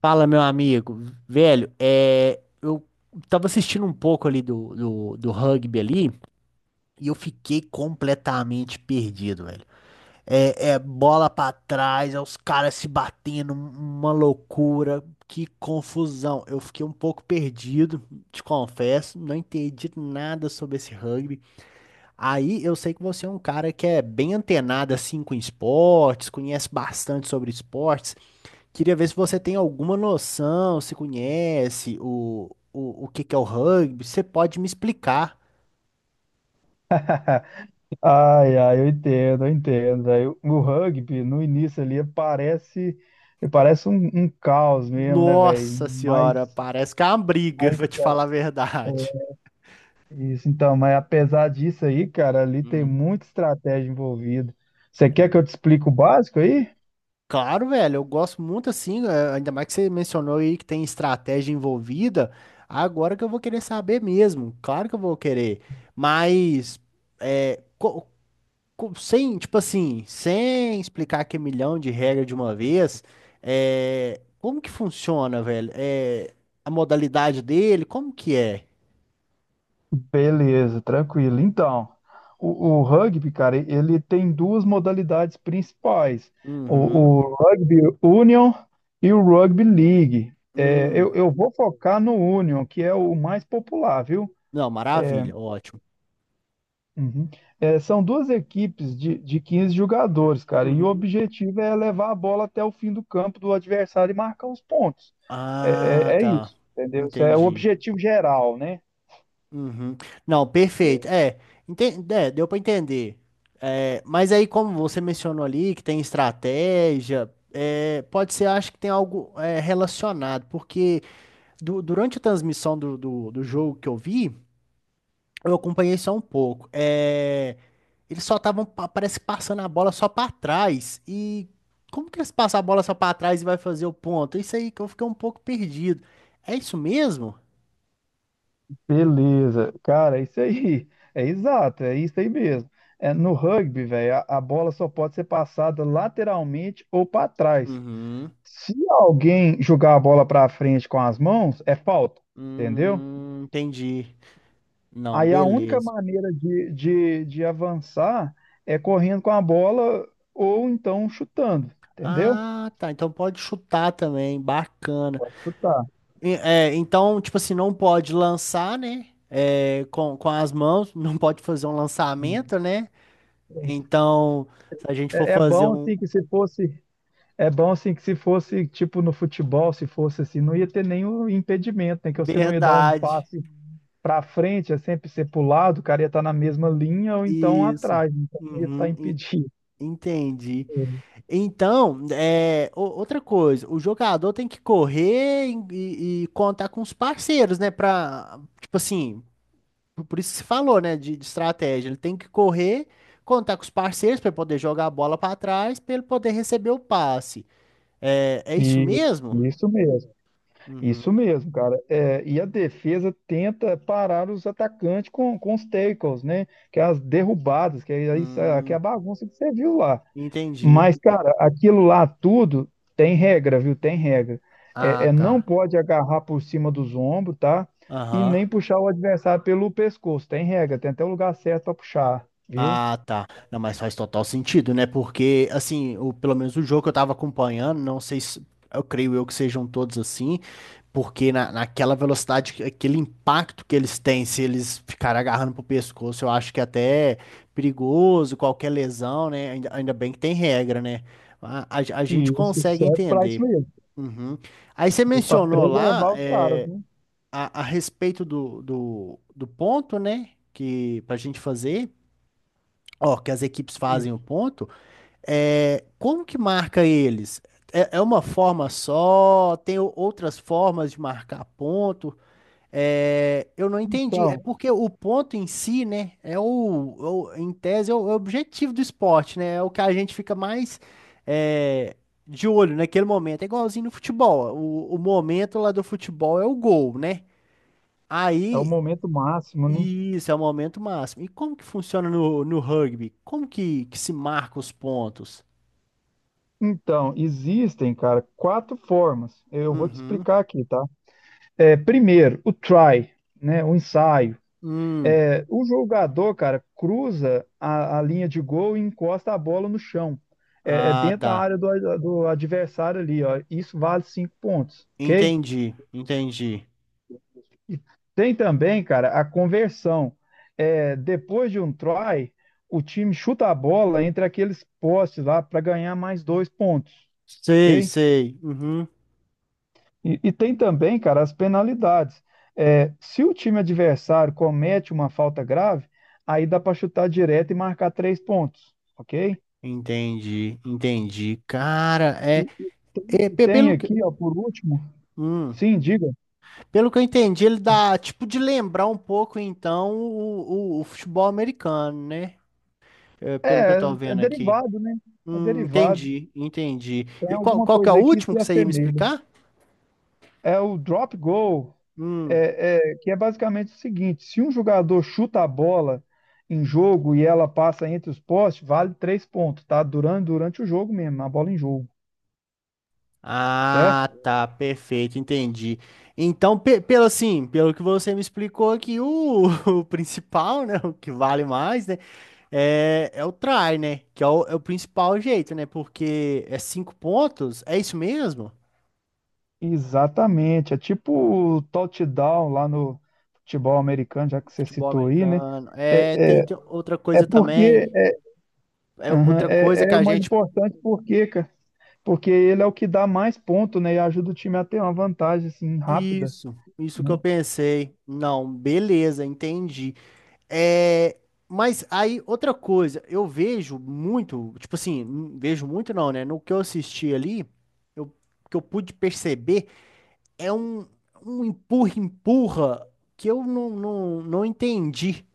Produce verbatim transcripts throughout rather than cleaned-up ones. Fala, meu amigo. Velho, é, eu tava assistindo um pouco ali do, do, do rugby ali e eu fiquei completamente perdido, velho. É, é bola pra trás, é os caras se batendo, um- uma loucura, que confusão. Eu fiquei um pouco perdido, te confesso, não entendi nada sobre esse rugby. Aí eu sei que você é um cara que é bem antenado assim com esportes, conhece bastante sobre esportes. Queria ver se você tem alguma noção, se conhece o, o, o que que é o rugby. Você pode me explicar? Ai, ai, eu entendo, eu entendo. Aí, o o rugby, no início ali, parece, parece um, um caos mesmo, né, velho? Nossa senhora, Mas, parece que é uma briga, mas pra te falar a verdade. é isso, então, mas apesar disso aí, cara, ali tem Hum. muita estratégia envolvida. Você É quer que eu te mesmo? explique o básico aí? Claro, velho, eu gosto muito assim, é, ainda mais que você mencionou aí que tem estratégia envolvida. Agora que eu vou querer saber mesmo, claro que eu vou querer. Mas é. co- co- sem, tipo assim, sem explicar que é milhão de regras de uma vez, é, como que funciona, velho? É, a modalidade dele, como que é? Beleza, tranquilo. Então, o, o rugby, cara, ele tem duas modalidades principais: o, Uhum. o Rugby Union e o Rugby League. É, eu, Hum. eu vou focar no Union, que é o mais popular, viu? Não, É, maravilha, ótimo. uhum. É, são duas equipes de, de quinze jogadores, cara, e o Uhum. objetivo é levar a bola até o fim do campo do adversário e marcar os pontos. Ah, É, é, é tá. isso, entendeu? Isso é o Entendi. objetivo geral, né? Uhum. Não, perfeito. É, enten- é, deu pra entender. É, mas aí, como você mencionou ali, que tem estratégia, é, pode ser, acho que tem algo é, relacionado, porque. du- durante a transmissão do, do, do jogo que eu vi, eu acompanhei só um pouco. É, eles só estavam, pa- parece, passando a bola só pra trás. E como que eles passam a bola só pra trás e vai fazer o ponto? Isso aí que eu fiquei um pouco perdido. É isso mesmo? Beleza, cara, é isso aí. É exato, é isso aí mesmo. É, no rugby, velho, a, a bola só pode ser passada lateralmente ou para trás. Uhum. Se alguém jogar a bola para frente com as mãos, é falta, entendeu? Hum, entendi. Não, Aí a única beleza. maneira de, de, de avançar é correndo com a bola ou então chutando, entendeu? Ah, tá. Então pode chutar também. Bacana. Pode chutar. E, é, então, tipo assim, não pode lançar, né? É, com, com as mãos, não pode fazer um Uhum. lançamento, né? Então, se a gente for É, é fazer bom um. assim que se fosse É bom assim que se fosse tipo no futebol, se fosse assim, não ia ter nenhum impedimento, né? Que você não ia dar um Verdade. passe para frente, é sempre ser pro lado, o cara ia estar na mesma linha ou então Isso. atrás, né? Então não ia estar Uhum, impedido. en- entendi. Então, é, o- outra coisa, o jogador tem que correr e, e- e contar com os parceiros, né? Pra, tipo assim, por por isso que você falou, né? De, de estratégia. Ele tem que correr, contar com os parceiros para poder jogar a bola para trás, para ele poder receber o passe. É, é isso E mesmo? isso mesmo, isso Uhum. mesmo, cara. É, e a defesa tenta parar os atacantes com, com os tackles, né? Que é as derrubadas, que é isso, é, que é a Hum, bagunça que você viu lá. entendi. Mas, cara, aquilo lá tudo tem regra, viu? Tem regra. É, Ah, é, não tá. pode agarrar por cima dos ombros, tá? E nem Aham. puxar o adversário pelo pescoço. Tem regra, tem até o lugar certo para puxar, viu? Ah, tá. Não, mas faz total sentido, né? Porque, assim, o, pelo menos o jogo que eu tava acompanhando, não sei se. Eu creio eu que sejam todos assim, porque na, naquela velocidade, que- aquele impacto que eles têm, se eles ficarem agarrando pro pescoço, eu acho que até é perigoso, qualquer lesão, né? Ainda, ainda bem que tem regra, né? A, a, a E gente isso consegue serve para isso entender. mesmo. Uhum. Aí você Isso para mencionou lá, preservar os caras, é, né? a, a respeito do, do, do ponto, né? Que pra gente fazer ó, que as equipes fazem Isso. o ponto, é, como que marca eles? É, é uma forma só? Tem o- outras formas de marcar ponto? É, eu não entendi. É Então, porque o ponto em si, né, é o, o- em tese, é o, é o objetivo do esporte, né? É o que a gente fica mais é, de olho naquele momento. É igualzinho no futebol. O, o momento lá do futebol é o gol, né? é o Aí momento máximo, né? isso, é o momento máximo. E como que funciona no, no rugby? Como que, que se marca os pontos? Então, existem, cara, quatro formas. Eu vou te Uhum. explicar aqui, tá? É, primeiro, o try, né? O ensaio. Hum. É, o jogador, cara, cruza a, a linha de gol e encosta a bola no chão. É, é Ah, dentro da tá. área do, do adversário ali, ó. Isso vale cinco pontos, ok? Entendi, entendi. E tem também, cara, a conversão. É, depois de um try, o time chuta a bola entre aqueles postes lá para ganhar mais dois pontos, Sei, ok? sei. Uhum. E, e tem também, cara, as penalidades. É, se o time adversário comete uma falta grave, aí dá para chutar direto e marcar três pontos, ok? Entendi, entendi. Cara, é, Tem, é pe- tem pelo que, aqui, ó, por último, hum, sim, diga, pelo que eu entendi, ele dá tipo de lembrar um pouco então o, o, o futebol americano, né? É, pelo que eu tô é vendo aqui. derivado, né? É Hum, derivado. entendi, entendi. Tem E qual, alguma qual que é o coisa aí que último se que você ia me assemelha. explicar? É o drop goal, Hum. é, é, que é basicamente o seguinte: se um jogador chuta a bola em jogo e ela passa entre os postes, vale três pontos, tá? Durante, durante o jogo mesmo, a bola em jogo, certo? Ah, tá, perfeito, entendi. Então, pe- pelo assim, pelo que você me explicou aqui, o, o principal, né, o que vale mais, né, é, é o try, né, que é o, é o principal jeito, né, porque é cinco pontos, é isso mesmo? Exatamente, é tipo o touchdown lá no futebol americano, já que você Futebol citou aí, né? americano, é, É, tem, é, tem outra é coisa porque também, é, é aham, outra coisa é, que é o a mais gente, importante porque, cara, porque ele é o que dá mais ponto, né? E ajuda o time a ter uma vantagem assim rápida, isso, isso que né? eu pensei, não, beleza, entendi. É, mas aí, outra coisa, eu vejo muito, tipo assim, n- vejo muito não, né? No que eu assisti ali, eu, que eu pude perceber é um, um empurra-empurra que eu não, não, não entendi.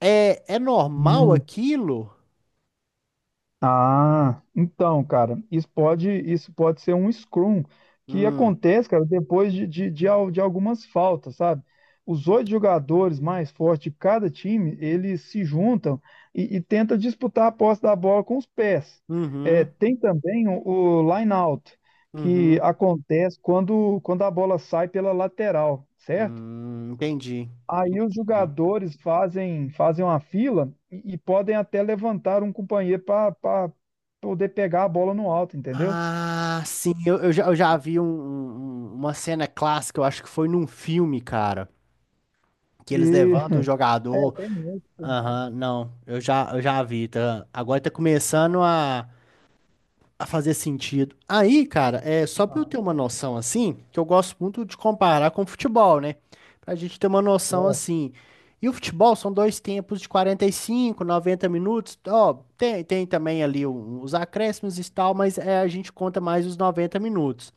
É, é normal Hum. aquilo? Ah, então, cara, isso pode, isso pode ser um scrum que Hum, acontece, cara, depois de, de, de, al- de algumas faltas, sabe? Os oito jogadores mais fortes de cada time, eles se juntam e, e tentam disputar a posse da bola com os pés. É, uhum, tem também o, o line out, que uhum, acontece quando, quando a bola sai pela lateral, certo? hum, entendi, Aí os entendi. jogadores fazem fazem uma fila e, e podem até levantar um companheiro para poder pegar a bola no alto, entendeu? Ah, sim, eu, eu já, eu já vi um- um- um- uma cena clássica, eu acho que foi num filme, cara, que E eles levantam o é, jogador. tem muito, tem muito. Aham, não, eu já, eu já vi, tá? Agora tá começando a, a fazer sentido. Aí, cara, é só pra eu Ah, ter uma noção assim, que eu gosto muito de comparar com o futebol, né? Pra gente ter uma noção certo. assim. E o futebol são dois tempos de quarenta e cinco, noventa minutos. Ó, tem, tem também ali o- os acréscimos e tal, mas é, a gente conta mais os noventa minutos.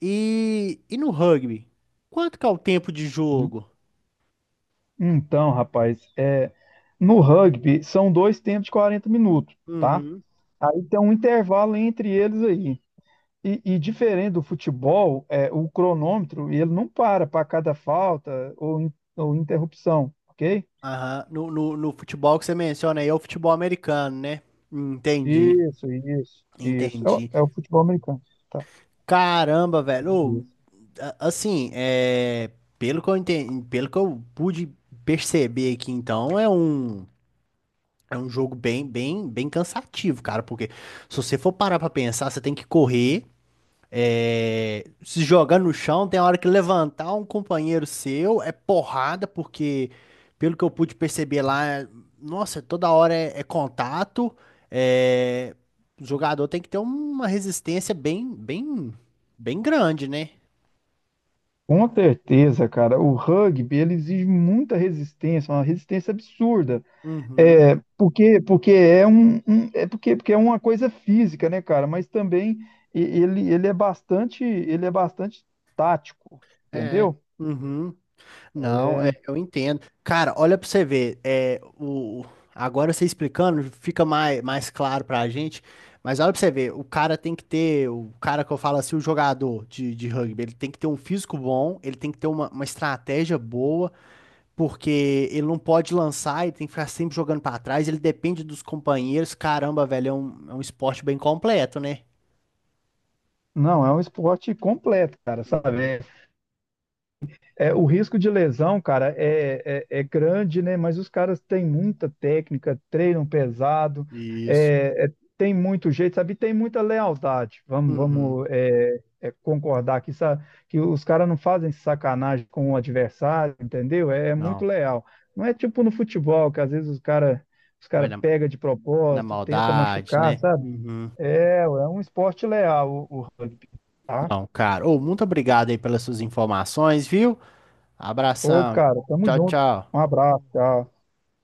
E, e no rugby? Quanto que é o tempo de jogo? Então, rapaz, é, no rugby são dois tempos de quarenta minutos, tá? Aí tem um intervalo entre eles aí. E, e diferente do futebol, é, o cronômetro ele não para para cada falta ou, in- ou interrupção, ok? Aham. No, no, no futebol que você menciona aí é o futebol americano, né? Entendi, Isso, isso, isso. É o, entendi. é o futebol americano. Tá. Caramba, velho. Ô, Isso. a- assim, é, pelo que eu entendi, pelo que eu pude perceber aqui, então, é um, é um jogo bem, bem, bem cansativo, cara, porque se você for parar pra pensar, você tem que correr. É, se jogar no chão, tem hora que levantar um companheiro seu é porrada, porque pelo que eu pude perceber lá, nossa, toda hora é, é contato. É, o jogador tem que ter uma resistência bem, bem, bem grande, né? Com certeza, cara, o rugby ele exige muita resistência, uma resistência absurda. Uhum, É, porque, porque é um, um- é porque, porque é uma coisa física, né, cara? Mas também e- ele, ele é bastante, ele é bastante tático, é. entendeu? Uhum. Não, é, é eu entendo. Cara, olha pra você ver, é, o, agora você explicando fica mais, mais claro pra gente, mas olha pra você ver, o cara tem que ter, o cara que eu falo assim, o jogador de, de rugby, ele tem que ter um físico bom, ele tem que ter uma, uma estratégia boa, porque ele não pode lançar, ele tem que ficar sempre jogando pra trás, ele depende dos companheiros, caramba, velho, é um, é um esporte bem completo, né? Não, é um esporte completo, cara, Uhum. sabe? É, o risco de lesão, cara, é, é, é grande, né? Mas os caras têm muita técnica, treinam pesado, Isso. é, é, tem muito jeito, sabe? E tem muita lealdade. Vamos, Uhum. vamos é, é, concordar aqui, sabe? Que os caras não fazem sacanagem com o adversário, entendeu? É, é muito Não, leal. Não é tipo no futebol, que às vezes os caras os vai cara na, pega de na propósito, tenta maldade, machucar, né? sabe? Uhum. É, é um esporte leal o, o rugby, tá? Não, cara. Ô, muito obrigado aí pelas suas informações, viu? Ô, Abração. cara, tamo Tchau, junto. tchau. Um abraço, tchau.